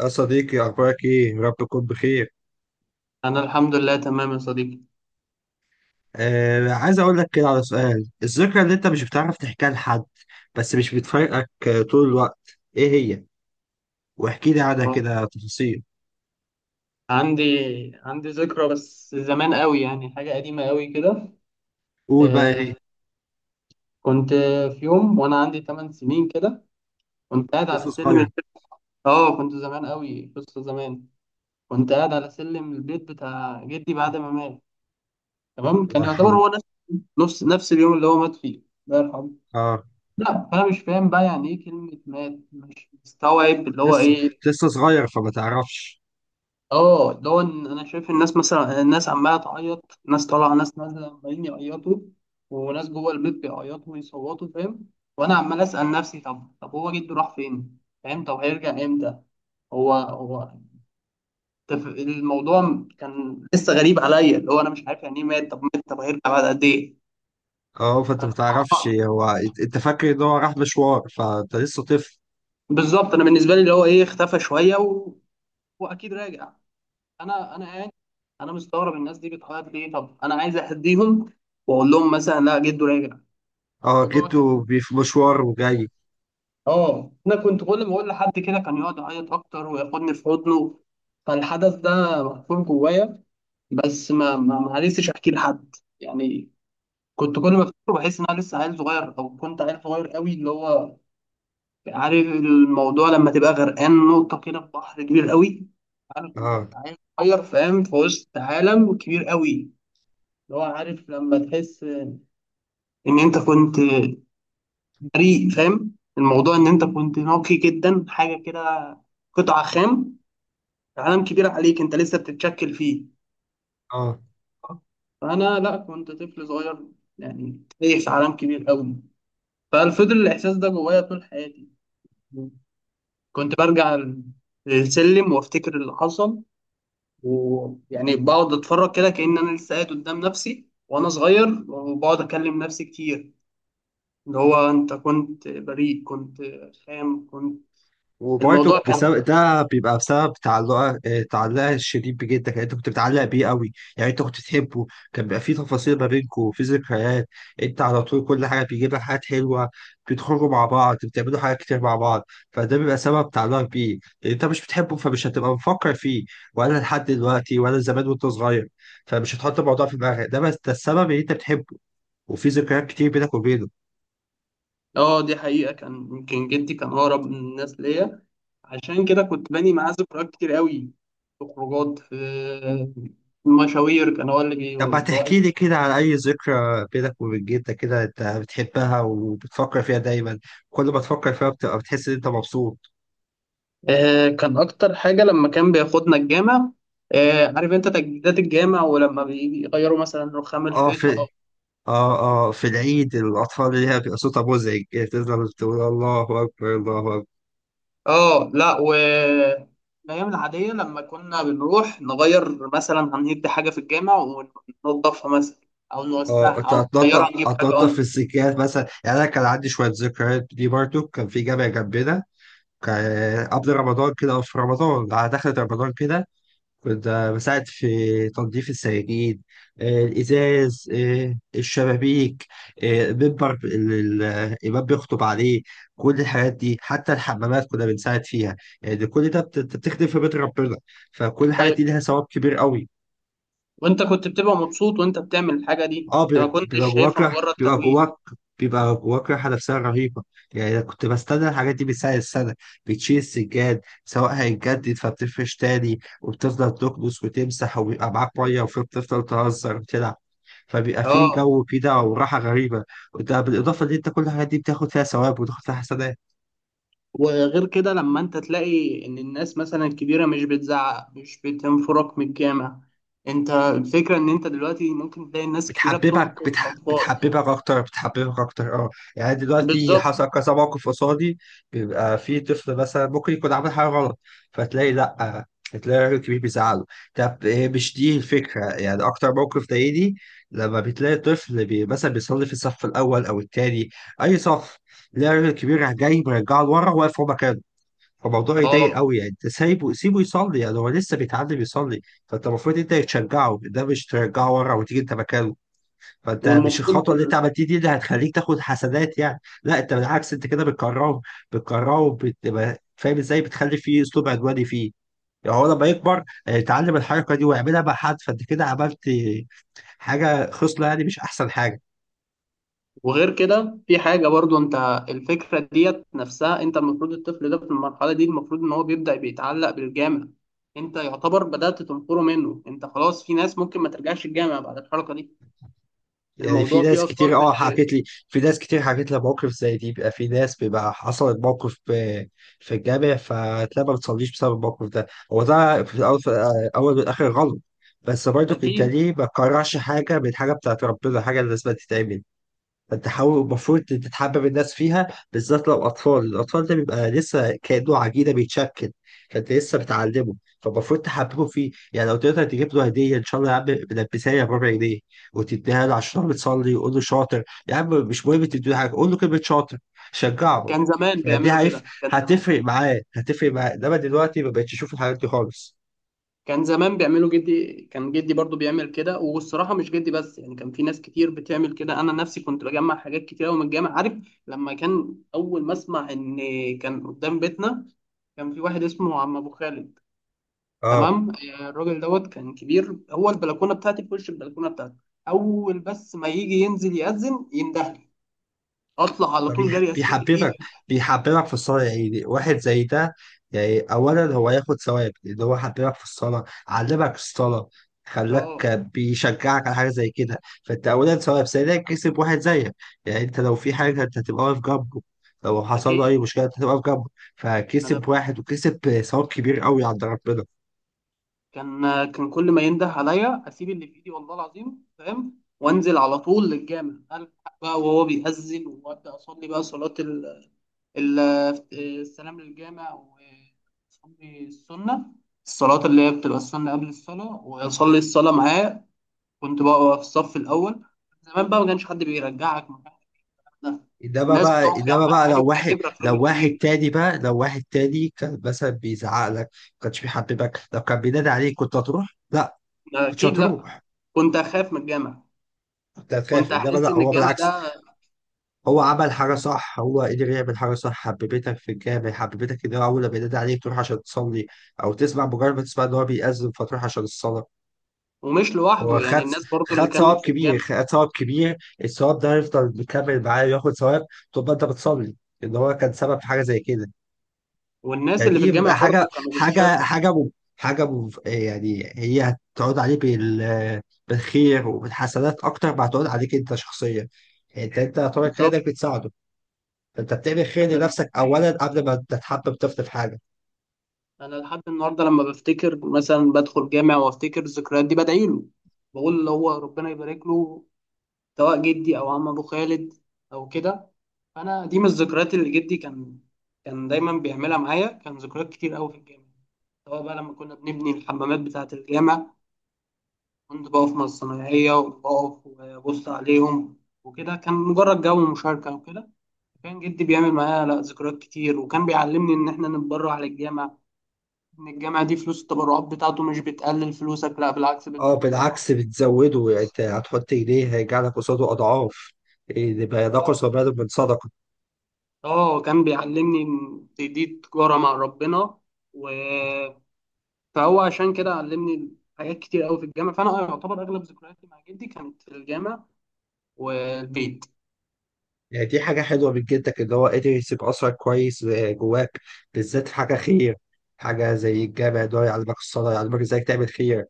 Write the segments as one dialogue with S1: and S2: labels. S1: يا صديقي أخبارك إيه؟ يا رب تكون بخير.
S2: انا الحمد لله تمام يا صديقي.
S1: آه، عايز أقول لك كده على سؤال، الذكرى اللي أنت مش بتعرف تحكيها لحد بس مش بتفارقك آه، طول الوقت، إيه هي؟ واحكي لي عنها
S2: آه،
S1: كده تفاصيل،
S2: عندي عندي ذكرى، بس زمان قوي، يعني حاجه قديمه قوي كده.
S1: قول بقى
S2: آه
S1: إيه؟
S2: كنت في يوم وانا عندي 8 سنين كده، كنت قاعد
S1: كنت
S2: على
S1: لسه
S2: سلم
S1: صغير،
S2: البيت. اه كنت زمان قوي، قصه زمان. كنت قاعد على سلم البيت بتاع جدي بعد ما مات. تمام،
S1: الله
S2: كان يعتبر
S1: يرحمه.
S2: هو نفس نفس اليوم اللي هو مات فيه. الله يرحمه.
S1: آه
S2: لا، فانا مش فاهم بقى يعني ايه كلمه مات، مش مستوعب
S1: كنت
S2: اللي هو
S1: لسه
S2: ايه.
S1: صغير فما تعرفش،
S2: اه اللي هو إن انا شايف الناس، مثلا الناس عماله تعيط، ناس طالعه ناس نازله عمالين يعيطوا، وناس جوه البيت بيعيطوا ويصوتوا، فاهم. وانا عمال اسال نفسي، طب هو جده راح فين، فاهم؟ طب هيرجع امتى؟ هو هو الموضوع كان لسه غريب عليا، اللي هو انا مش عارف يعني ايه مات، طب مات، طب هيرجع بعد قد ايه؟
S1: أه فأنت ما تعرفش
S2: فأنا-
S1: هو أنت فاكر إن هو راح مشوار فأنت لسه طفل،
S2: بالظبط، انا بالنسبه لي اللي هو ايه، اختفى شويه واكيد راجع. انا قاعد، انا مستغرب الناس دي بتعيط ليه، طب انا عايز اهديهم واقول لهم مثلا لا، جده راجع.
S1: أه
S2: الموضوع كان،
S1: جيته في مشوار وجاي،
S2: اه انا كنت كل ما اقول لحد كده كان يقعد يعيط اكتر وياخدني في حضنه. فالحدث ده محفور جوايا، بس ما عرفتش احكي لحد، يعني. كنت كل ما افتكره بحس ان انا لسه عيل صغير، او كنت عيل صغير قوي، اللي هو عارف الموضوع لما تبقى غرقان نقطة كده في بحر كبير قوي. انا
S1: أه.
S2: كنت عيل صغير، فاهم، في وسط عالم كبير قوي، اللي هو عارف لما تحس ان انت كنت بريء، فاهم الموضوع ان انت كنت نقي جدا، حاجه كده، قطعه خام، عالم كبير عليك انت لسه بتتشكل فيه.
S1: أه.
S2: فانا لا، كنت طفل صغير، يعني تايه في عالم كبير قوي. ففضل الاحساس ده جوايا طول حياتي. كنت برجع السلم وافتكر اللي حصل، ويعني بقعد اتفرج كده كأن انا لسه قاعد قدام نفسي وانا صغير، وبقعد اكلم نفسي كتير، اللي هو انت كنت بريء، كنت خام، كنت. الموضوع
S1: وبرضه
S2: كان،
S1: بسبب ده بيبقى بسبب تعلقها آه، تعلقها الشديد بجدك، يعني انت كنت بتعلق بيه قوي، يعني انت كنت بتحبه. كان بيبقى في تفاصيل ما بينكم في ذكريات، انت على طول كل حاجه بيجيب لك حاجات حلوه، بتخرجوا مع بعض بتعملوا حاجات كتير مع بعض. فده بيبقى سبب تعلقك بيه، لان انت مش بتحبه فمش هتبقى مفكر فيه ولا لحد دلوقتي ولا زمان وانت صغير. فمش هتحط الموضوع في دماغك ده، بس ده السبب ان انت بتحبه، وفي ذكريات كتير بينك وبينه.
S2: اه دي حقيقة، كان يمكن جدي كان اقرب من الناس ليا، عشان كده كنت باني معاه ذكريات كتير قوي، في خروجات، في مشاوير، كان هو اللي بي.
S1: طب هتحكي لي كده على أي ذكرى بينك وبين جدك كده أنت بتحبها وبتفكر فيها دايما، كل ما تفكر فيها بتبقى بتحس إن أنت مبسوط.
S2: كان اكتر حاجة لما كان بياخدنا الجامع. عارف انت تجديدات الجامع ولما بيغيروا مثلا رخام
S1: أه في.
S2: الحيطة؟
S1: أه. أه في العيد الأطفال اللي هي بيبقى صوتها مزعج، تفضل تقول الله أكبر الله أكبر.
S2: اه لا، و الايام العاديه لما كنا بنروح نغير مثلا هندي حاجه في الجامع وننضفها مثلا، او نوسعها
S1: أه أنت
S2: او
S1: هتنضف،
S2: نغيرها، نجيب حاجه انضف.
S1: السجاد مثلا. يعني أنا كان عندي شوية ذكريات دي برضو، كان في جامع جنبنا، كان قبل رمضان كده أو في رمضان على دخلة رمضان كده، كنت بساعد في تنظيف السجاجيد آه، الإزاز آه، الشبابيك آه، بيبر الإمام بيخطب عليه. كل الحاجات دي حتى الحمامات كنا بنساعد فيها، يعني كل ده بتخدم في بيت ربنا، فكل الحاجات
S2: طيب،
S1: دي لها ثواب كبير قوي.
S2: وانت كنت بتبقى مبسوط وانت بتعمل الحاجه دي؟
S1: اه
S2: انا ما كنتش
S1: بيبقى جواك
S2: شايفها مجرد
S1: بيبقى
S2: ترويج.
S1: جواك رحلة نفسية رهيبة. يعني أنا كنت بستنى الحاجات دي من سنة لسنة، بتشيل السجاد سواء هيتجدد فبتفرش تاني وبتفضل تكنس وتمسح، وبيبقى معاك مية وبتفضل تهزر وتلعب، فبيبقى
S2: اه
S1: في جو كده وراحة غريبة. وده بالإضافة إن أنت كل الحاجات دي بتاخد فيها ثواب وتاخد فيها حسنات.
S2: وغير كده، لما انت تلاقي ان الناس مثلا الكبيره مش بتزعق، مش بتنفرك من الجامع، انت الفكره ان انت دلوقتي ممكن تلاقي الناس الكبيره
S1: بتحببك،
S2: بتنقذ الاطفال.
S1: بتحببك اكتر، اه يعني دلوقتي
S2: بالظبط.
S1: حصل كذا موقف قصادي، بيبقى في طفل مثلا ممكن يكون عامل حاجه غلط، فتلاقي لا، تلاقي راجل كبير بيزعله. طب إيه مش دي الفكره؟ يعني اكتر موقف ضايقني لما بتلاقي طفل مثلا بيصلي في الصف الاول او التاني، اي صف، تلاقي راجل كبير جاي مرجعه لورا واقف في مكانه. فالموضوع يضايق
S2: اه
S1: قوي، يعني انت سايبه سيبه يصلي، يعني هو لسه بيتعلم يصلي. فانت المفروض انت تشجعه، ده مش ترجعه ورا وتيجي انت مكانه. فانت مش
S2: والمفروض.
S1: الخطوه اللي انت عملتيه دي اللي هتخليك تاخد حسنات، يعني لا انت بالعكس، انت كده بتكرهه، بتبقى فاهم ازاي؟ بتخلي فيه اسلوب عدواني فيه، يعني هو لما يكبر آه، يتعلم الحركه دي ويعملها مع حد، فانت كده عملت حاجه خصله، يعني مش احسن حاجه.
S2: وغير كده في حاجة برضو انت، الفكرة ديت نفسها، انت المفروض الطفل ده في المرحلة دي المفروض ان هو بيبدأ بيتعلق بالجامع، انت يعتبر بدأت تنقره منه، انت خلاص، في ناس ممكن ما ترجعش الجامع بعد الحركة دي.
S1: يعني في
S2: الموضوع
S1: ناس
S2: فيه
S1: كتير
S2: اطفال
S1: اه
S2: بت...
S1: حكت لي، مواقف زي دي، بيبقى في ناس بيبقى حصلت موقف في الجامع فتلاقي ما بتصليش بسبب الموقف ده. هو ده في الاول في الاول والاخر غلط. بس برضو انت
S2: اكيد.
S1: ليه ما تكرهش حاجه من حاجه بتاعت ربنا؟ حاجه لازم تتعمل، تحاول، المفروض تتحبب الناس فيها، بالذات لو أطفال. الأطفال ده بيبقى لسه كأنه عجينة بيتشكل، فأنت لسه بتعلمه، فالمفروض تحببه فيه. يعني لو تقدر تجيب له هدية إن شاء الله يا عم بلبسها بربع جنيه وتديها له عشان هو بتصلي وقول له شاطر، يا عم مش مهم تديله حاجة، قول له كلمة شاطر، شجعه.
S2: كان زمان
S1: فدي،
S2: بيعملوا
S1: عارف،
S2: كده، كان زمان.
S1: هتفرق معاه، إنما دلوقتي ما بقتش أشوف الحاجات دي خالص.
S2: كان زمان بيعملوا، جدي كان، جدي برضو بيعمل كده، والصراحة مش جدي بس، يعني كان في ناس كتير بتعمل كده. أنا نفسي كنت بجمع حاجات كتير أوي من الجامع، عارف؟ لما كان أول ما أسمع إن كان قدام بيتنا، كان في واحد اسمه عم أبو خالد.
S1: اه
S2: تمام، آه، الراجل دوت كان كبير، هو البلكونة بتاعتي في وش البلكونة بتاعتي، أول بس ما يجي ينزل يأذن يندهلي، أطلع على طول جري، أسيب اللي في
S1: فبيحببك،
S2: إيدي.
S1: في الصلاة، يعني واحد زي ده، يعني أولا هو ياخد ثواب لأن هو حببك في الصلاة، علمك الصلاة، خلاك
S2: أه.
S1: بيشجعك على حاجة زي كده. فأنت أولا ثواب، ثانيا كسب واحد زيك، يعني أنت لو في حاجة أنت هتبقى واقف جنبه، لو حصل
S2: أكيد.
S1: له أي مشكلة أنت هتبقى واقف جنبه،
S2: أنا
S1: فكسب واحد وكسب ثواب كبير قوي عند ربنا.
S2: كان كل ما ينده عليا اسيب اللي في ايدي، والله العظيم، فاهم، وانزل على طول للجامع، الحق بقى وهو بيأذن، وابدا اصلي بقى صلاه ال... السلام للجامع، واصلي السنه، الصلاه اللي هي بتبقى السنه قبل الصلاه، واصلي الصلاه معاه. كنت بقى في الصف الاول، زمان بقى ما كانش حد بيرجعك مكانك، لا.
S1: انما
S2: الناس
S1: بقى،
S2: بتقف جنبك عادي
S1: لو واحد،
S2: وبتعتبرك راجل
S1: لو واحد
S2: كبير.
S1: تاني بقى، لو واحد تاني كان مثلا بيزعق لك، ما كانش بيحببك، لو كان بينادي عليك كنت هتروح؟ لا،
S2: أنا
S1: كنتش
S2: اكيد لا،
S1: هتروح،
S2: كنت اخاف من الجامع،
S1: كنت هتخاف.
S2: كنت
S1: انما
S2: احس
S1: لا،
S2: ان
S1: هو
S2: الجامع
S1: بالعكس،
S2: ده.
S1: هو عمل حاجه صح، هو قدر يعمل حاجه صح، حببتك في الجامع، حببتك ان هو اول ما ينادي عليك تروح عشان تصلي، او تسمع، مجرد ما تسمع ان هو بيأذن فتروح عشان الصلاه.
S2: ومش
S1: هو
S2: لوحده، يعني
S1: خد،
S2: الناس برضو اللي
S1: ثواب
S2: كانت في
S1: كبير،
S2: الجامع،
S1: خد ثواب كبير الثواب ده هيفضل مكمل معاه وياخد ثواب طول ما انت بتصلي، ان هو كان سبب في حاجه زي كده.
S2: والناس اللي في
S1: فدي
S2: الجامع
S1: بيبقى حاجه،
S2: برضو كانوا
S1: حاجه
S2: بيشاركوا.
S1: حاجه م- يعني هي هتقعد عليك بالخير وبالحسنات اكتر ما هتقعد عليك انت شخصيا. يعني انت طريق خير، ده
S2: بالظبط.
S1: بتساعده، فانت بتعمل خير
S2: انا
S1: لنفسك اولا قبل ما تتحبب طفل في حاجه.
S2: أنا لحد النهارده لما بفتكر مثلا بدخل جامع وافتكر الذكريات دي بدعي له، بقول اللي هو ربنا يبارك له، سواء جدي او عم ابو خالد او كده. انا دي من الذكريات اللي جدي كان، كان دايما بيعملها معايا، كان ذكريات كتير قوي في الجامع، سواء بقى لما كنا بنبني الحمامات بتاعة الجامع، كنت بقف مع الصنايعية وبقف وأبص عليهم وكده، كان مجرد جو مشاركة وكده. كان جدي بيعمل معايا لا ذكريات كتير، وكان بيعلمني ان احنا نتبرع للجامع، ان الجامع دي فلوس التبرعات بتاعته مش بتقلل فلوسك، لا بالعكس
S1: اه
S2: بتزودها.
S1: بالعكس بتزوده، يعني انت هتحط ايديه هيرجع لك قصاده اضعاف، إيه، يبقى ينقص
S2: اه،
S1: وبال من صدقه.
S2: اه، كان بيعلمني ان دي تجارة مع ربنا. و... فهو عشان كده علمني حاجات كتير قوي في الجامع، فانا يعتبر اغلب ذكرياتي مع جدي كانت في الجامع والبيت.
S1: يعني دي حاجه حلوه من جدك ان هو قدر يسيب اثرك كويس آه، جواك، بالذات في حاجه خير، حاجه زي الجامع ده يعلمك الصلاه يعلمك ازاي تعمل خير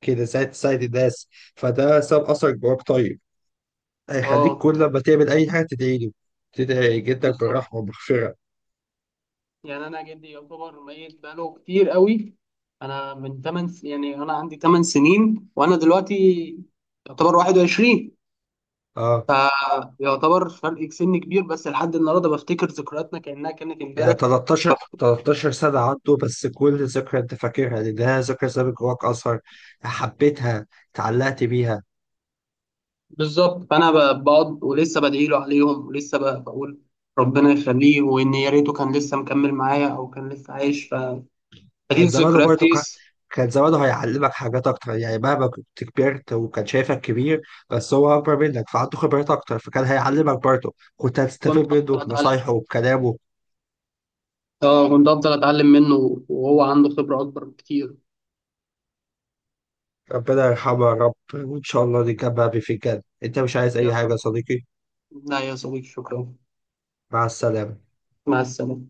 S1: كده ساعة ساعة الناس. فده ساب أثر جواك طيب، هيخليك
S2: اه
S1: كل لما تعمل أي حاجة تدعي له، تدعي جدك
S2: بالظبط.
S1: بالرحمة والمغفرة.
S2: يعني انا جدي يعتبر ميت بقاله كتير قوي، انا من 8 س... يعني انا عندي 8 سنين وانا دلوقتي يعتبر 21.
S1: اه
S2: فيعتبر فرق سن كبير، بس لحد النهارده بفتكر ذكرياتنا كانها كانت
S1: يعني
S2: امبارح.
S1: 13 سنة عنده، بس كل ذكرى أنت فاكرها لأنها ذكرى سابت جواك أثر، حبيتها، اتعلقت بيها.
S2: بالظبط، بقعد ولسه بدعي له عليهم، ولسه بقول ربنا يخليه، وان يا ريته كان لسه مكمل معايا او كان لسه عايش فدي
S1: كان زمانه
S2: الذكريات
S1: برضه
S2: دي.
S1: كان زمانه هيعلمك حاجات أكتر، يعني مهما كنت كبرت وكان شايفك كبير بس هو أكبر منك فعنده خبرات أكتر، فكان هيعلمك برضه، كنت
S2: كنت
S1: هتستفيد منه
S2: افضل اتعلم.
S1: بنصايحه وبكلامه.
S2: اه كنت افضل اتعلم منه، وهو عنده خبره اكبر بكتير.
S1: ربنا يرحمه يا رب وإن شاء الله نتجمع بيه في الجنة. أنت مش عايز أي حاجة يا صديقي؟
S2: لا يا صديقي، شكرا.
S1: مع السلامة.
S2: مع السلامة.